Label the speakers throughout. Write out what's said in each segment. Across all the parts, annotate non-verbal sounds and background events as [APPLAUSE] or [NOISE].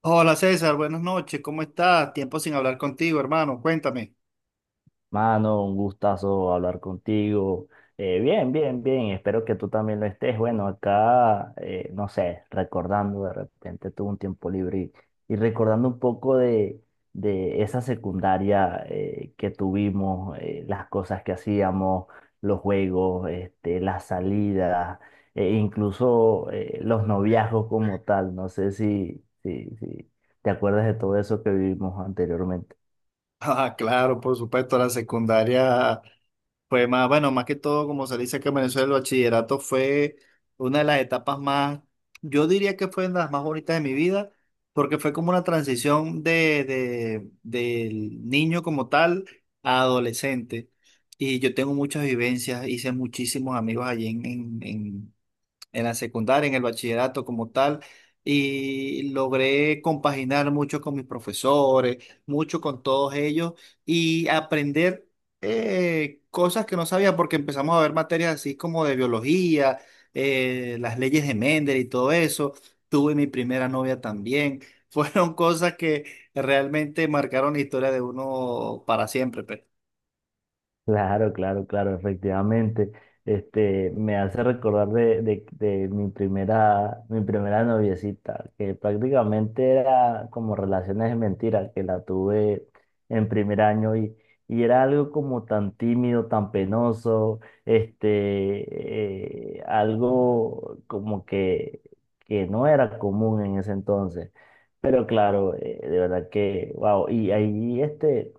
Speaker 1: Hola César, buenas noches, ¿cómo estás? Tiempo sin hablar contigo, hermano, cuéntame. [LAUGHS]
Speaker 2: Mano, un gustazo hablar contigo. Bien, bien, bien. Espero que tú también lo estés. Bueno, acá, no sé, recordando, de repente tuve un tiempo libre y recordando un poco de esa secundaria que tuvimos, las cosas que hacíamos, los juegos, las salidas, e incluso los noviazgos como tal. No sé si te acuerdas de todo eso que vivimos anteriormente.
Speaker 1: Ah, claro, por supuesto, la secundaria fue más, bueno, más que todo, como se dice que en Venezuela el bachillerato fue una de las etapas más, yo diría que fue de las más bonitas de mi vida, porque fue como una transición del niño como tal a adolescente. Y yo tengo muchas vivencias, hice muchísimos amigos allí en la secundaria, en el bachillerato como tal, y logré compaginar mucho con mis profesores, mucho con todos ellos y aprender cosas que no sabía porque empezamos a ver materias así como de biología, las leyes de Mendel y todo eso. Tuve mi primera novia también. [LAUGHS] Fueron cosas que realmente marcaron la historia de uno para siempre, pues.
Speaker 2: Claro, claro, claro, efectivamente. Me hace recordar de mi primera noviecita, que prácticamente era como relaciones de mentira, que la tuve en primer año y era algo como tan tímido, tan penoso, algo como que no era común en ese entonces. Pero claro, de verdad que, wow, y ahí este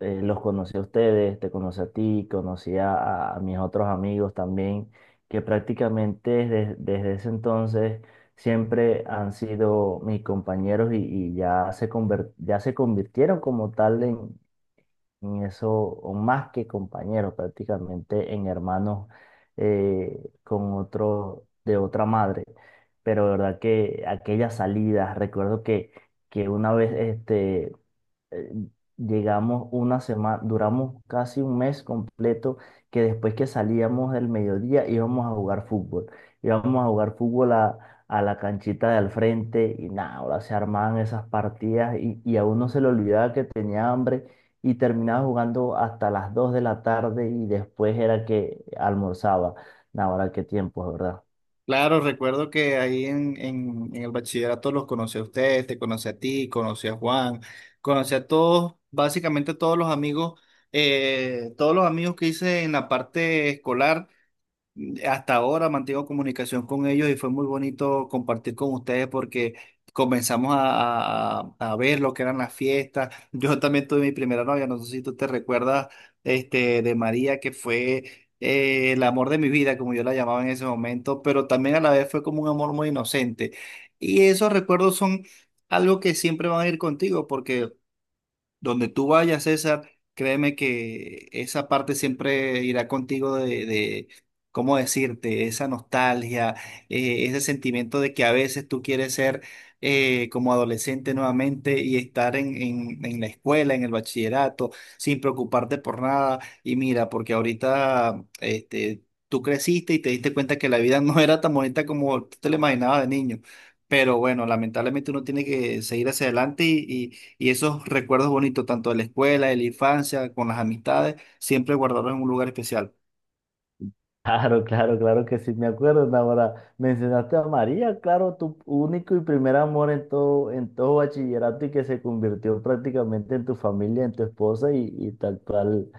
Speaker 2: eh, los conocí a ustedes, te conocí a ti, conocí a mis otros amigos también, que prácticamente desde ese entonces siempre han sido mis compañeros y ya se convirtieron como tal en eso, o más que compañeros, prácticamente en hermanos de otra madre. Pero de verdad que aquellas salidas, recuerdo que una vez eh, llegamos una semana, duramos casi un mes completo que después que salíamos del mediodía íbamos a jugar fútbol. Íbamos a jugar fútbol a la canchita de al frente y nada, ahora se armaban esas partidas y a uno se le olvidaba que tenía hambre y terminaba jugando hasta las 2 de la tarde y después era que almorzaba. Nada, ahora qué tiempos, ¿verdad?
Speaker 1: Claro, recuerdo que ahí en el bachillerato los conocí a ustedes, te conocí a ti, conocí a Juan, conocí a todos, básicamente todos los amigos que hice en la parte escolar. Hasta ahora mantengo comunicación con ellos y fue muy bonito compartir con ustedes porque comenzamos a ver lo que eran las fiestas. Yo también tuve mi primera novia, no sé si tú te recuerdas, de María, que fue el amor de mi vida, como yo la llamaba en ese momento, pero también a la vez fue como un amor muy inocente. Y esos recuerdos son algo que siempre van a ir contigo porque donde tú vayas, César, créeme que esa parte siempre irá contigo de ¿cómo decirte? Esa nostalgia, ese sentimiento de que a veces tú quieres ser como adolescente nuevamente y estar en la escuela, en el bachillerato, sin preocuparte por nada. Y mira, porque ahorita tú creciste y te diste cuenta que la vida [LAUGHS] no era tan bonita como tú te la imaginabas de niño. Pero bueno, lamentablemente uno tiene que seguir hacia adelante y esos recuerdos bonitos, tanto de la escuela, de la infancia, con las amistades, siempre guardarlos en un lugar especial.
Speaker 2: Claro, claro, claro que sí, me acuerdo, ahora mencionaste a María, claro, tu único y primer amor en todo bachillerato y que se convirtió prácticamente en tu familia, en tu esposa y tal cual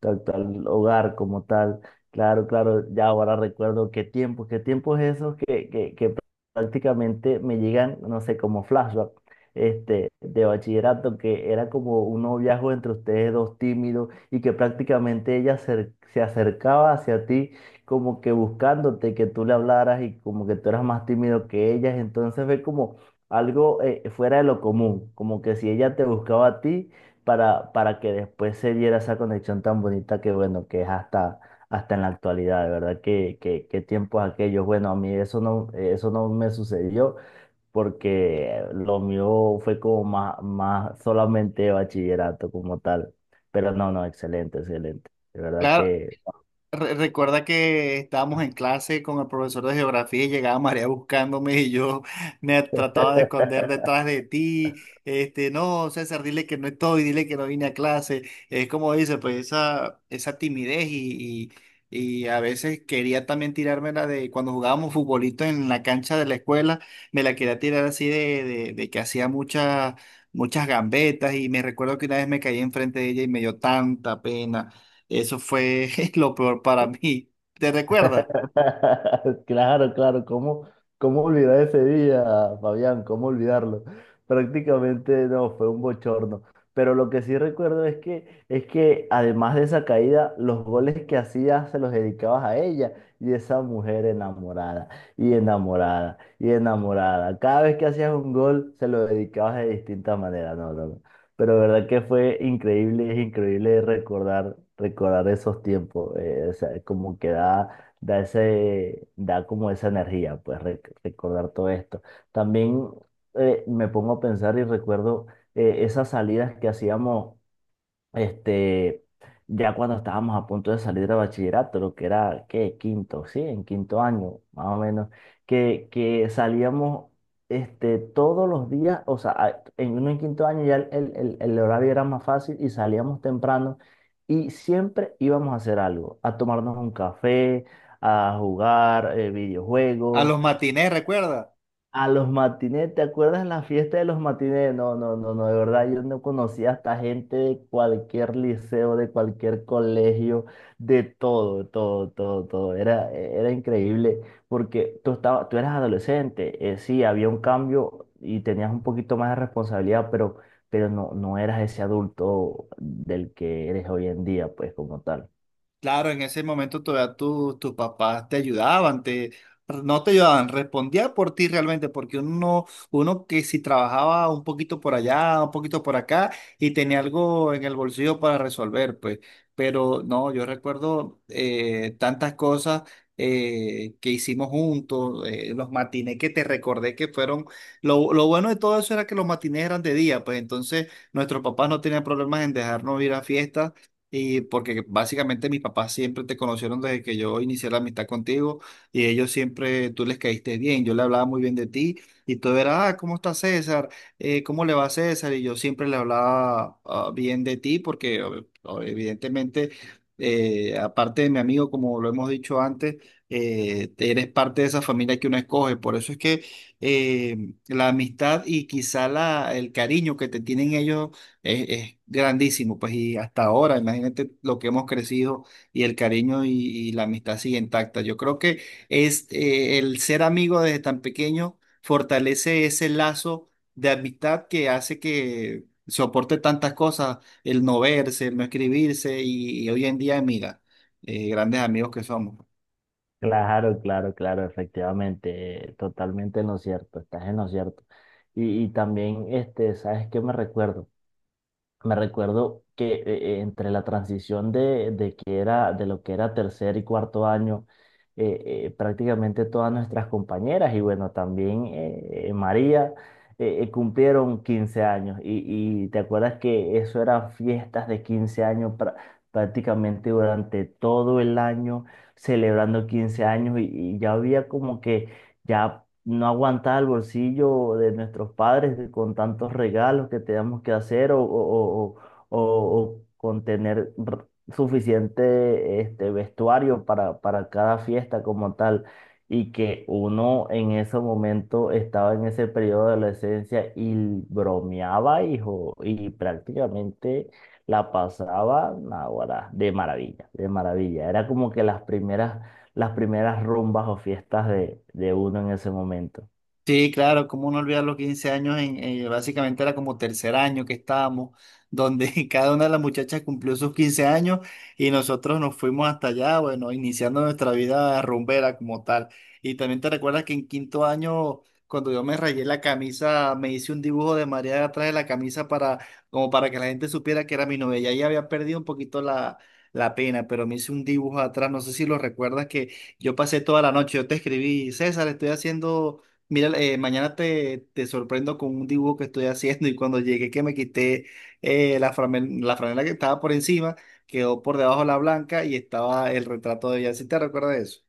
Speaker 2: tal hogar como tal. Claro, claro, ya ahora recuerdo qué tiempos esos que prácticamente me llegan, no sé, como flashback de bachillerato, que era como un noviazgo entre ustedes dos tímidos y que prácticamente ella se acercaba hacia ti como que buscándote que tú le hablaras y como que tú eras más tímido que ellas, entonces ve como algo fuera de lo común, como que si ella te buscaba a ti para que después se diera esa conexión tan bonita que, bueno, que es hasta en la actualidad, de verdad, que tiempos aquellos. Bueno, a mí eso no me sucedió porque lo mío fue como más solamente bachillerato como tal. Pero no, no, excelente, excelente. De verdad
Speaker 1: Claro,
Speaker 2: que...
Speaker 1: Recuerda que estábamos en clase con el profesor de geografía y llegaba María buscándome y yo [LAUGHS] me trataba de esconder
Speaker 2: [LAUGHS]
Speaker 1: detrás de ti. No, César, dile que no estoy, dile que no vine a clase. Es como dice, pues esa timidez y, y a veces quería también tirármela de cuando jugábamos futbolito en la cancha de la escuela, me la quería tirar así de que hacía muchas, muchas gambetas y me recuerdo que una vez me caí enfrente de ella y me dio tanta pena. Eso fue [LAUGHS] lo peor para mí. ¿Te recuerda?
Speaker 2: [LAUGHS] Claro, claro, ¿cómo olvidar ese día, Fabián? ¿Cómo olvidarlo? Prácticamente no, fue un bochorno. Pero lo que sí recuerdo es que además de esa caída, los goles que hacías se los dedicabas a ella y esa mujer enamorada y enamorada y enamorada. Cada vez que hacías un gol, se lo dedicabas de distinta manera. No, no, no. Pero verdad que fue increíble, es increíble recordar, esos tiempos. O sea, como que da da como esa energía, pues recordar todo esto. También me pongo a pensar y recuerdo esas salidas que hacíamos este, ya cuando estábamos a punto de salir de bachillerato, lo que era, ¿qué? Quinto, sí, en quinto año, más o menos, que salíamos todos los días, o sea, en uno en quinto año ya el horario era más fácil y salíamos temprano y siempre íbamos a hacer algo, a tomarnos un café, a jugar
Speaker 1: A los
Speaker 2: videojuegos
Speaker 1: matines, recuerda.
Speaker 2: a los matinés, ¿te acuerdas la fiesta de los matinés? No, no, no, no, de verdad yo no conocía hasta gente de cualquier liceo, de cualquier colegio, de todo, todo, todo, todo. Era increíble porque tú eras adolescente, sí, había un cambio y tenías un poquito más de responsabilidad, pero no, no eras ese adulto del que eres hoy en día, pues como tal.
Speaker 1: Claro, en ese momento todavía tus papás te ayudaban, no te ayudaban, respondía por ti realmente, porque uno que si trabajaba un poquito por allá, un poquito por acá, y tenía algo en el bolsillo para resolver, pues. Pero no, yo recuerdo tantas cosas que hicimos juntos, los matinés que te recordé que fueron, lo bueno de todo eso era que los matinés eran de día, pues entonces nuestros papás no tenían problemas en dejarnos ir a fiestas y porque básicamente mis papás siempre te conocieron desde que yo inicié la amistad contigo y ellos siempre, tú les caíste bien, yo le hablaba muy bien de ti y todo era, ah, ¿cómo está César? ¿Cómo le va a César? Y yo siempre le hablaba bien de ti porque evidentemente, aparte de mi amigo, como lo hemos dicho antes, eres parte de esa familia que uno escoge. Por eso es que eh, la amistad y quizá el cariño que te tienen ellos es grandísimo, pues, y hasta ahora, imagínate lo que hemos crecido y el cariño y la amistad sigue intacta. Yo creo que es el ser amigo desde tan pequeño fortalece ese lazo de amistad que hace que soporte tantas cosas, el no verse, el no escribirse y hoy en día, mira, grandes amigos que somos.
Speaker 2: Claro, claro, claro, efectivamente, totalmente en lo cierto, estás en lo cierto. Y también, ¿sabes qué me recuerdo? Me recuerdo que entre la transición de que era, de lo que era tercer y cuarto año, prácticamente todas nuestras compañeras y bueno, también María cumplieron 15 años. Y te acuerdas que eso eran fiestas de 15 años prácticamente durante todo el año, celebrando 15 años y ya había como que ya no aguantar el bolsillo de nuestros padres con tantos regalos que tenemos que hacer o con tener suficiente vestuario para cada fiesta como tal. Y que uno en ese momento estaba en ese periodo de adolescencia y bromeaba, hijo, y prácticamente la pasaba, naguará, de maravilla, de maravilla. Era como que las primeras rumbas o fiestas de uno en ese momento.
Speaker 1: Sí, claro, cómo no olvidar los 15 años, básicamente era como tercer año que estábamos, donde [LAUGHS] cada una de las muchachas cumplió sus 15 años y nosotros nos fuimos hasta allá, bueno, iniciando nuestra vida rumbera como tal. Y también te recuerdas que en quinto año, cuando yo me rayé la camisa, me hice un dibujo de María atrás de la camisa para, como para que la gente supiera que era mi novia. Ya ahí había perdido un poquito la pena, pero me hice un dibujo atrás, no sé si lo recuerdas que yo pasé toda la noche, yo te escribí, César, estoy haciendo. Mira, mañana te sorprendo con un dibujo que estoy haciendo y cuando llegué que me quité la franela que estaba por encima, quedó por debajo la blanca y estaba el retrato de ella. ¿Sí te recuerdas eso?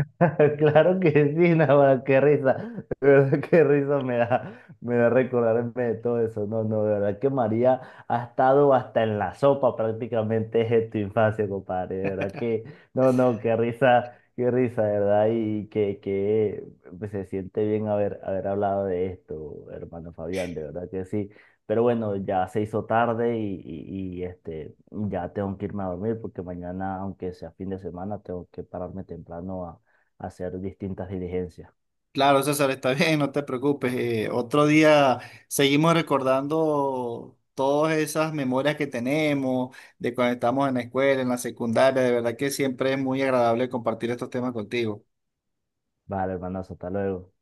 Speaker 2: [LAUGHS] Claro que sí, [LAUGHS] nada, qué risa, de verdad qué risa me da recordarme de todo eso. No, no, de verdad que María ha estado hasta en la sopa prácticamente [LAUGHS] desde tu infancia, compadre. De verdad que, no, no, qué risa, de verdad, y que pues, se siente bien haber hablado de esto, hermano Fabián, de verdad que sí. Pero bueno, ya se hizo tarde ya tengo que irme a dormir porque mañana, aunque sea fin de semana, tengo que pararme temprano hacer distintas diligencias.
Speaker 1: Claro, César, está [LAUGHS] bien, no te preocupes. Otro día seguimos recordando todas esas memorias que tenemos de cuando estamos en la escuela, en la secundaria. De verdad que siempre es muy agradable compartir estos temas contigo.
Speaker 2: Vale, hermanazo, hasta luego.